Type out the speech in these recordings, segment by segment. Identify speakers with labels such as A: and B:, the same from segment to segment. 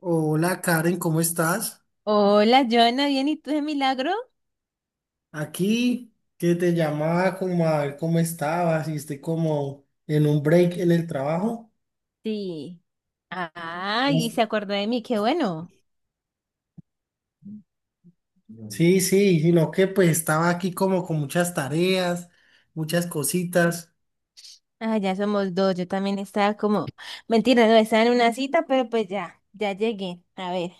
A: Hola Karen, ¿cómo estás?
B: Hola, Joana, ¿bien? ¿Y tú de milagro?
A: Aquí que te llamaba como a ver cómo estabas y estoy como en un break en el trabajo.
B: Sí. Ay, y
A: Pues,
B: se acordó de mí, qué bueno.
A: sí, sí, sino que pues estaba aquí como con muchas tareas, muchas cositas.
B: Ah, ya somos dos, yo también estaba como, mentira, no, estaba en una cita, pero pues ya, ya llegué. A ver,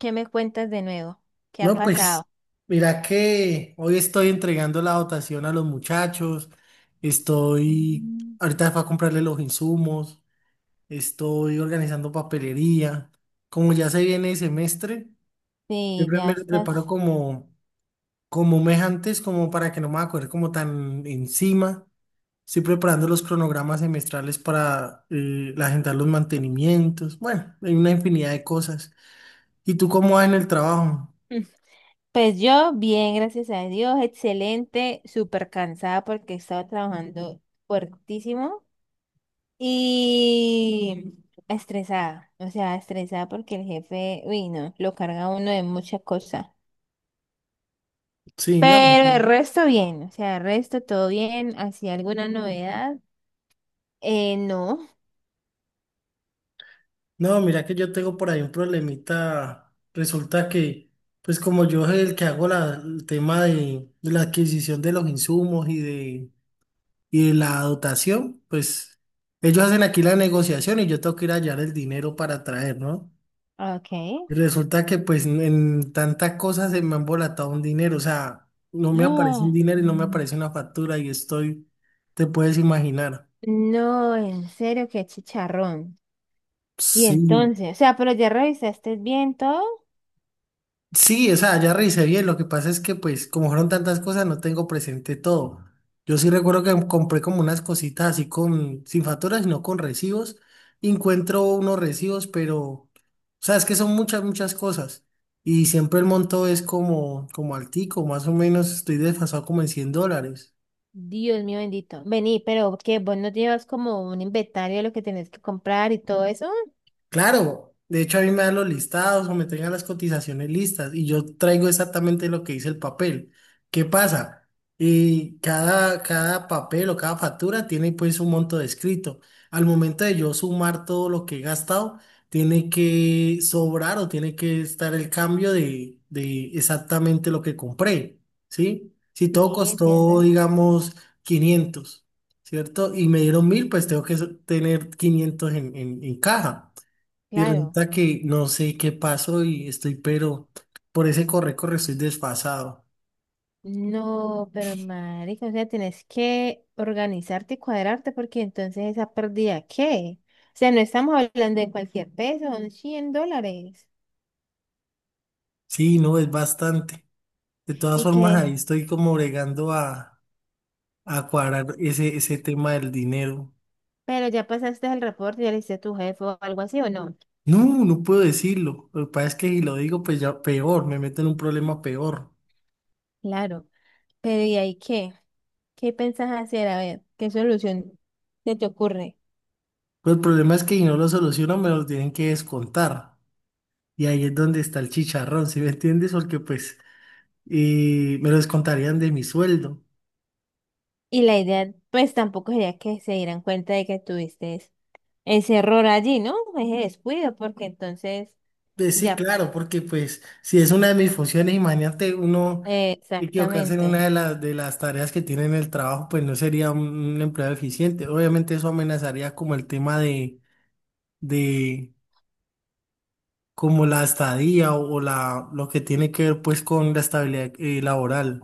B: ¿qué me cuentas de nuevo? ¿Qué ha
A: No,
B: pasado?
A: pues mira que hoy estoy entregando la dotación a los muchachos, estoy
B: Mm.
A: ahorita para comprarle los insumos, estoy organizando papelería. Como ya se viene el semestre,
B: Sí,
A: siempre
B: ya
A: me preparo
B: estás.
A: como mes antes, como para que no me acuerde como tan encima. Estoy preparando los cronogramas semestrales para agendar los mantenimientos. Bueno, hay una infinidad de cosas. ¿Y tú cómo vas en el trabajo?
B: Mm. Pues yo, bien, gracias a Dios, excelente, súper cansada porque estaba trabajando fuertísimo. Y estresada, o sea, estresada porque el jefe, uy, no, lo carga a uno de muchas cosas.
A: Sí, no,
B: Pero el
A: ujú.
B: resto bien, o sea, el resto todo bien, ¿hacía alguna novedad? No,
A: No, mira que yo tengo por ahí un problemita. Resulta que, pues como yo soy el que hago el tema de la adquisición de los insumos y de la dotación, pues ellos hacen aquí la negociación y yo tengo que ir a hallar el dinero para traer, ¿no?
B: ok.
A: Y resulta que pues en tanta cosa se me ha embolatado un dinero, o sea, no me aparece un
B: Ah,
A: dinero y no me aparece una factura y estoy, te puedes imaginar.
B: no, en serio, qué chicharrón. Y
A: Sí,
B: entonces, o sea, pero ya revisaste bien todo.
A: sí, o sea, ya revisé bien, lo que pasa es que pues como fueron tantas cosas no tengo presente todo. Yo sí recuerdo que compré como unas cositas así sin facturas, sino con recibos. Y encuentro unos recibos, pero, o sea, es que son muchas, muchas cosas. Y siempre el monto es como altico, más o menos estoy desfasado como en $100.
B: Dios mío bendito. Vení, pero que vos no llevas como un inventario de lo que tenés que comprar y todo eso.
A: Claro, de hecho a mí me dan los listados o me tengan las cotizaciones listas y yo traigo exactamente lo que dice el papel. ¿Qué pasa? Y cada papel o cada factura tiene pues un monto descrito. Al momento de yo sumar todo lo que he gastado, tiene que sobrar o tiene que estar el cambio de exactamente lo que compré, ¿sí? Si todo
B: Sí,
A: costó,
B: entiendo.
A: digamos, 500, ¿cierto? Y me dieron 1000, pues tengo que tener 500 en caja. Y
B: Claro.
A: resulta que no sé qué pasó y estoy, pero por ese corre, corre, estoy desfasado.
B: No, pero marica, o sea, tienes que organizarte y cuadrarte porque entonces esa pérdida, ¿qué? O sea, no estamos hablando de cualquier peso, son $100.
A: Sí, no, es bastante. De todas
B: ¿Y
A: formas, ahí
B: que,
A: estoy como bregando a cuadrar ese tema del dinero.
B: Pero ya pasaste el reporte, ya le hiciste a tu jefe o algo así, ¿o no?
A: No, no puedo decirlo. Lo que pasa es que si lo digo, pues ya peor, me meto en un problema peor.
B: Claro. Pero ¿y ahí qué? ¿Qué pensás hacer? A ver, ¿qué solución se te ocurre?
A: Pero el problema es que si no lo soluciono, me lo tienen que descontar. Y ahí es donde está el chicharrón, ¿sí me entiendes? Porque pues me lo descontarían de mi sueldo.
B: Y la idea, pues tampoco sería que se dieran cuenta de que tuviste ese error allí, ¿no? Ese descuido, porque entonces,
A: Sí,
B: ya,
A: claro, porque pues si es una de mis funciones, imagínate uno equivocarse en una
B: exactamente.
A: de las tareas que tiene en el trabajo, pues no sería un empleo eficiente. Obviamente eso amenazaría como el tema de como la estadía o lo que tiene que ver pues con la estabilidad laboral.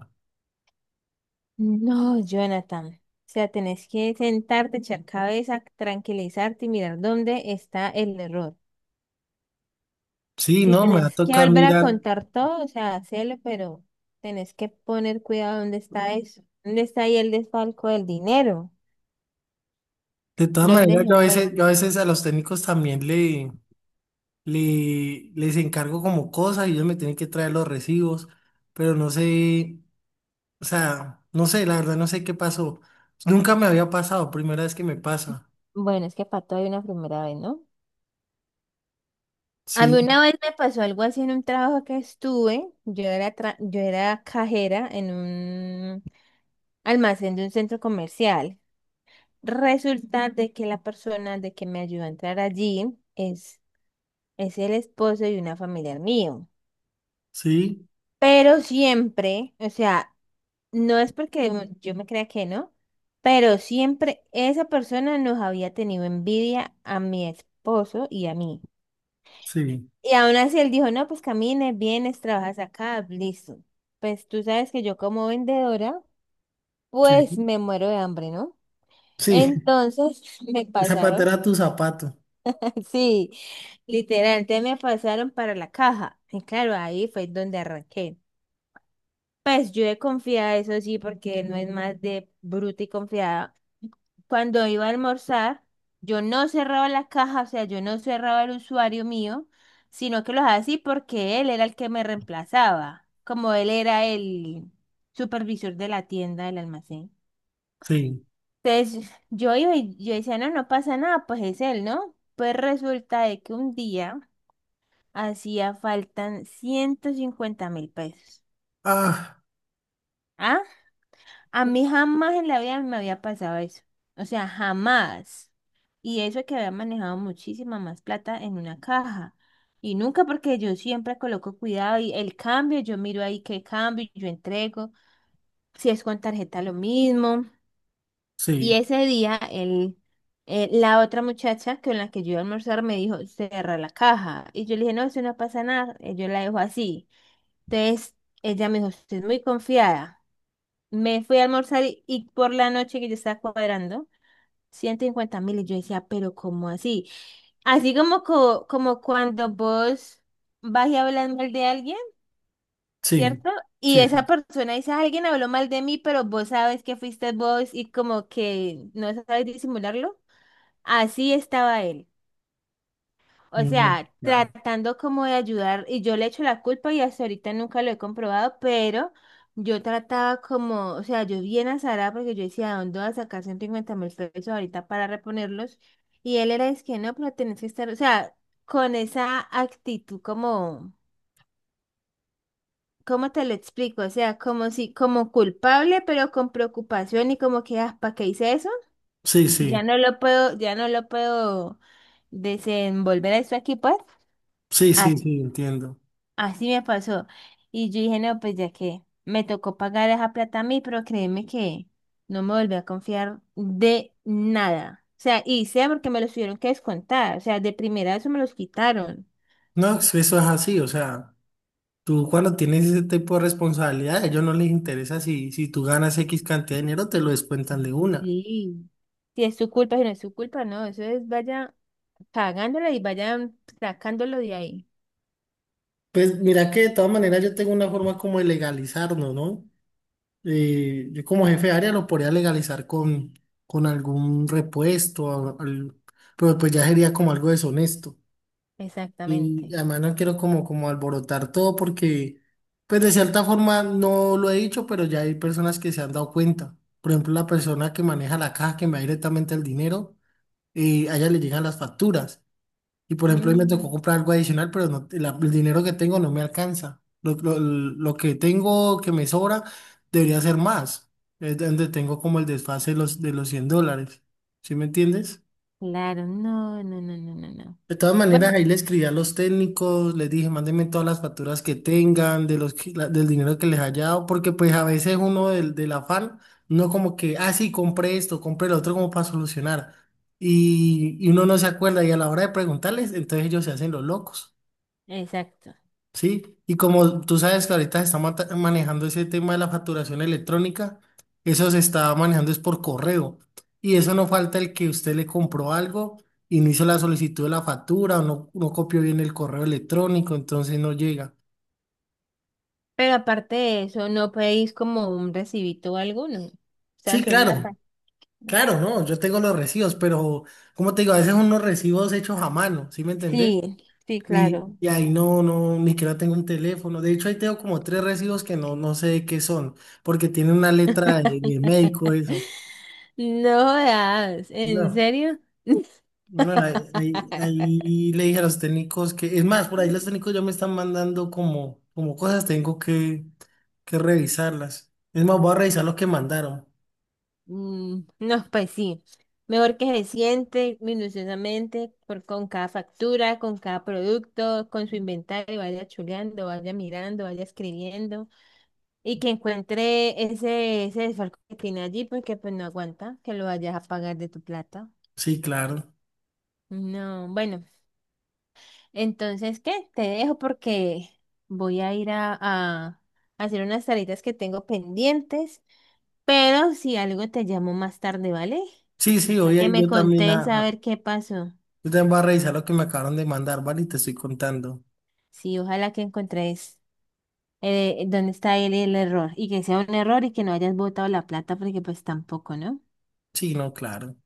B: No, Jonathan. O sea, tenés que sentarte, echar cabeza, tranquilizarte y mirar dónde está el error.
A: Sí,
B: Si
A: no, me va a
B: tenés que
A: tocar
B: volver a
A: mirar.
B: contar todo, o sea, hacelo, pero tenés que poner cuidado dónde está eso. ¿Dónde está ahí el desfalco del dinero?
A: De todas
B: ¿Dónde
A: maneras, yo
B: se
A: a
B: fue?
A: veces, yo a veces a los técnicos también les encargo como cosas y ellos me tienen que traer los recibos, pero no sé. O sea, no sé, la verdad no sé qué pasó. Nunca me había pasado, primera vez que me pasa.
B: Bueno, es que para todo hay una primera vez, ¿no? A mí
A: Sí,
B: una vez me pasó algo así en un trabajo que estuve. Yo era cajera en un almacén de un centro comercial. Resulta de que la persona de que me ayudó a entrar allí es el esposo de una familiar mío.
A: sí,
B: Pero siempre, o sea, no es porque, ujú, yo me crea que no, pero siempre esa persona nos había tenido envidia a mi esposo y a mí.
A: sí,
B: Y aún así él dijo, no, pues camines vienes, trabajas acá, listo. Pues tú sabes que yo como vendedora, pues
A: sí,
B: me muero de hambre, ¿no?
A: sí.
B: Entonces me pasaron.
A: Zapatera tu zapato.
B: Sí, literal, entonces me pasaron para la caja. Y claro, ahí fue donde arranqué. Pues yo he confiado, eso sí, porque no es más de bruta y confiada. Cuando iba a almorzar, yo no cerraba la caja, o sea, yo no cerraba el usuario mío, sino que lo hacía así porque él era el que me reemplazaba, como él era el supervisor de la tienda, del almacén.
A: Sí.
B: Entonces yo iba y yo decía, no, no pasa nada, pues es él, ¿no? Pues resulta de que un día... Hacía faltan 150.000 pesos.
A: Ah,
B: ¿Ah? A mí jamás en la vida me había pasado eso. O sea, jamás. Y eso que había manejado muchísima más plata en una caja. Y nunca porque yo siempre coloco cuidado y el cambio, yo miro ahí qué cambio, yo entrego. Si es con tarjeta lo mismo. Y
A: sí,
B: ese día la otra muchacha con la que yo iba a almorzar me dijo, cerra la caja. Y yo le dije, no, eso no pasa nada. Yo la dejo así. Entonces ella me dijo, usted es muy confiada. Me fui a almorzar y por la noche que yo estaba cuadrando, 150.000. Y yo decía, pero ¿cómo así? Así como, como cuando vos vas y hablas mal de alguien,
A: sí,
B: ¿cierto? Y
A: sí, sí.
B: esa persona dice, alguien habló mal de mí, pero vos sabes que fuiste vos y como que no sabes disimularlo. Así estaba él. O
A: Y no,
B: sea,
A: ya.
B: tratando como de ayudar, y yo le echo la culpa y hasta ahorita nunca lo he comprobado, pero yo trataba como, o sea, yo bien azarada porque yo decía, ¿de dónde voy a sacar 150 mil pesos ahorita para reponerlos? Y él era, es que no, pero tenés que estar, o sea, con esa actitud como, ¿cómo te lo explico? O sea, como si, como culpable, pero con preocupación y como que, ah, ¿para qué hice eso?
A: Sí,
B: Ya
A: sí,
B: no lo puedo, ya no lo puedo desenvolver eso aquí, pues.
A: sí, sí, sí, entiendo.
B: Así me pasó. Y yo dije, no, pues ya que me tocó pagar esa plata a mí, pero créeme que no me volví a confiar de nada. O sea, y sea porque me los tuvieron que descontar. O sea, de primera eso me los quitaron.
A: No, eso es así, o sea, tú cuando tienes ese tipo de responsabilidad, a ellos no les interesa si tú ganas X cantidad de dinero, te lo descuentan de una.
B: Sí. Si es su culpa, si no es su culpa, no. Eso es, vaya pagándola y vayan sacándolo de ahí.
A: Pues mira que de todas maneras yo tengo una forma como de legalizarnos, ¿no? Yo como jefe de área lo podría legalizar con algún repuesto, pero pues ya sería como algo deshonesto. Y
B: Exactamente.
A: además no quiero como, alborotar todo porque, pues de cierta forma no lo he dicho, pero ya hay personas que se han dado cuenta. Por ejemplo, la persona que maneja la caja, que me da directamente el dinero, a ella le llegan las facturas. Y por ejemplo, hoy me tocó
B: Mm,
A: comprar algo adicional, pero no, el dinero que tengo no me alcanza. Lo que tengo que me sobra debería ser más. Es donde tengo como el desfase de los $100. ¿Sí me entiendes?
B: claro, no, no, no, no, no, no.
A: De todas maneras,
B: Bueno,
A: ahí le escribí a los técnicos, les dije, mándenme todas las facturas que tengan, de los, que- la- del dinero que les haya dado, porque pues a veces uno del afán, no como que, ah, sí, compré esto, compré lo otro como para solucionar. Y uno no se acuerda y a la hora de preguntarles, entonces ellos se hacen los locos.
B: exacto.
A: Sí, y como tú sabes que ahorita se está manejando ese tema de la facturación electrónica, eso se está manejando es por correo. Y eso no falta el que usted le compró algo y no hizo la solicitud de la factura o no copió bien el correo electrónico, entonces no llega.
B: Pero aparte de eso, ¿no pedís como un recibito o algo? No. O sea,
A: Sí,
B: solo la
A: claro,
B: página.
A: claro, no, yo tengo los recibos, pero como te digo, a veces son unos recibos hechos a mano, ¿sí me entendés?
B: Sí, sí,
A: Y,
B: claro.
A: y ahí no, no, ni que no tengo un teléfono. De hecho, ahí tengo como tres recibos que no sé de qué son, porque tiene una letra de médico, eso.
B: No jodas, ¿en
A: No,
B: serio?
A: no, ahí, ahí- ahí le dije a los técnicos que, es más, por ahí los técnicos ya me están mandando como cosas, tengo que revisarlas. Es más, voy a revisar lo que mandaron.
B: No, pues sí. Mejor que se siente minuciosamente por, con cada factura, con cada producto, con su inventario, vaya chuleando, vaya mirando, vaya escribiendo y que encuentre ese, ese desfalco que tiene allí porque pues no aguanta que lo vayas a pagar de tu plata.
A: Sí, claro.
B: No, bueno, entonces, ¿qué? Te dejo porque voy a ir a hacer unas tareas que tengo pendientes, pero si algo te llamo más tarde, ¿vale?
A: Sí, sí,
B: Para que
A: oye,
B: me contés a ver qué pasó.
A: yo también voy a revisar lo que me acabaron de mandar, ¿vale? Y te estoy contando.
B: Sí, ojalá que encontréis dónde está el error y que sea un error y que no hayas botado la plata porque pues tampoco, ¿no?
A: Sí, no, claro.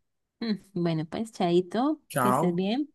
B: Bueno, pues, chaito, que estés
A: Chao.
B: bien.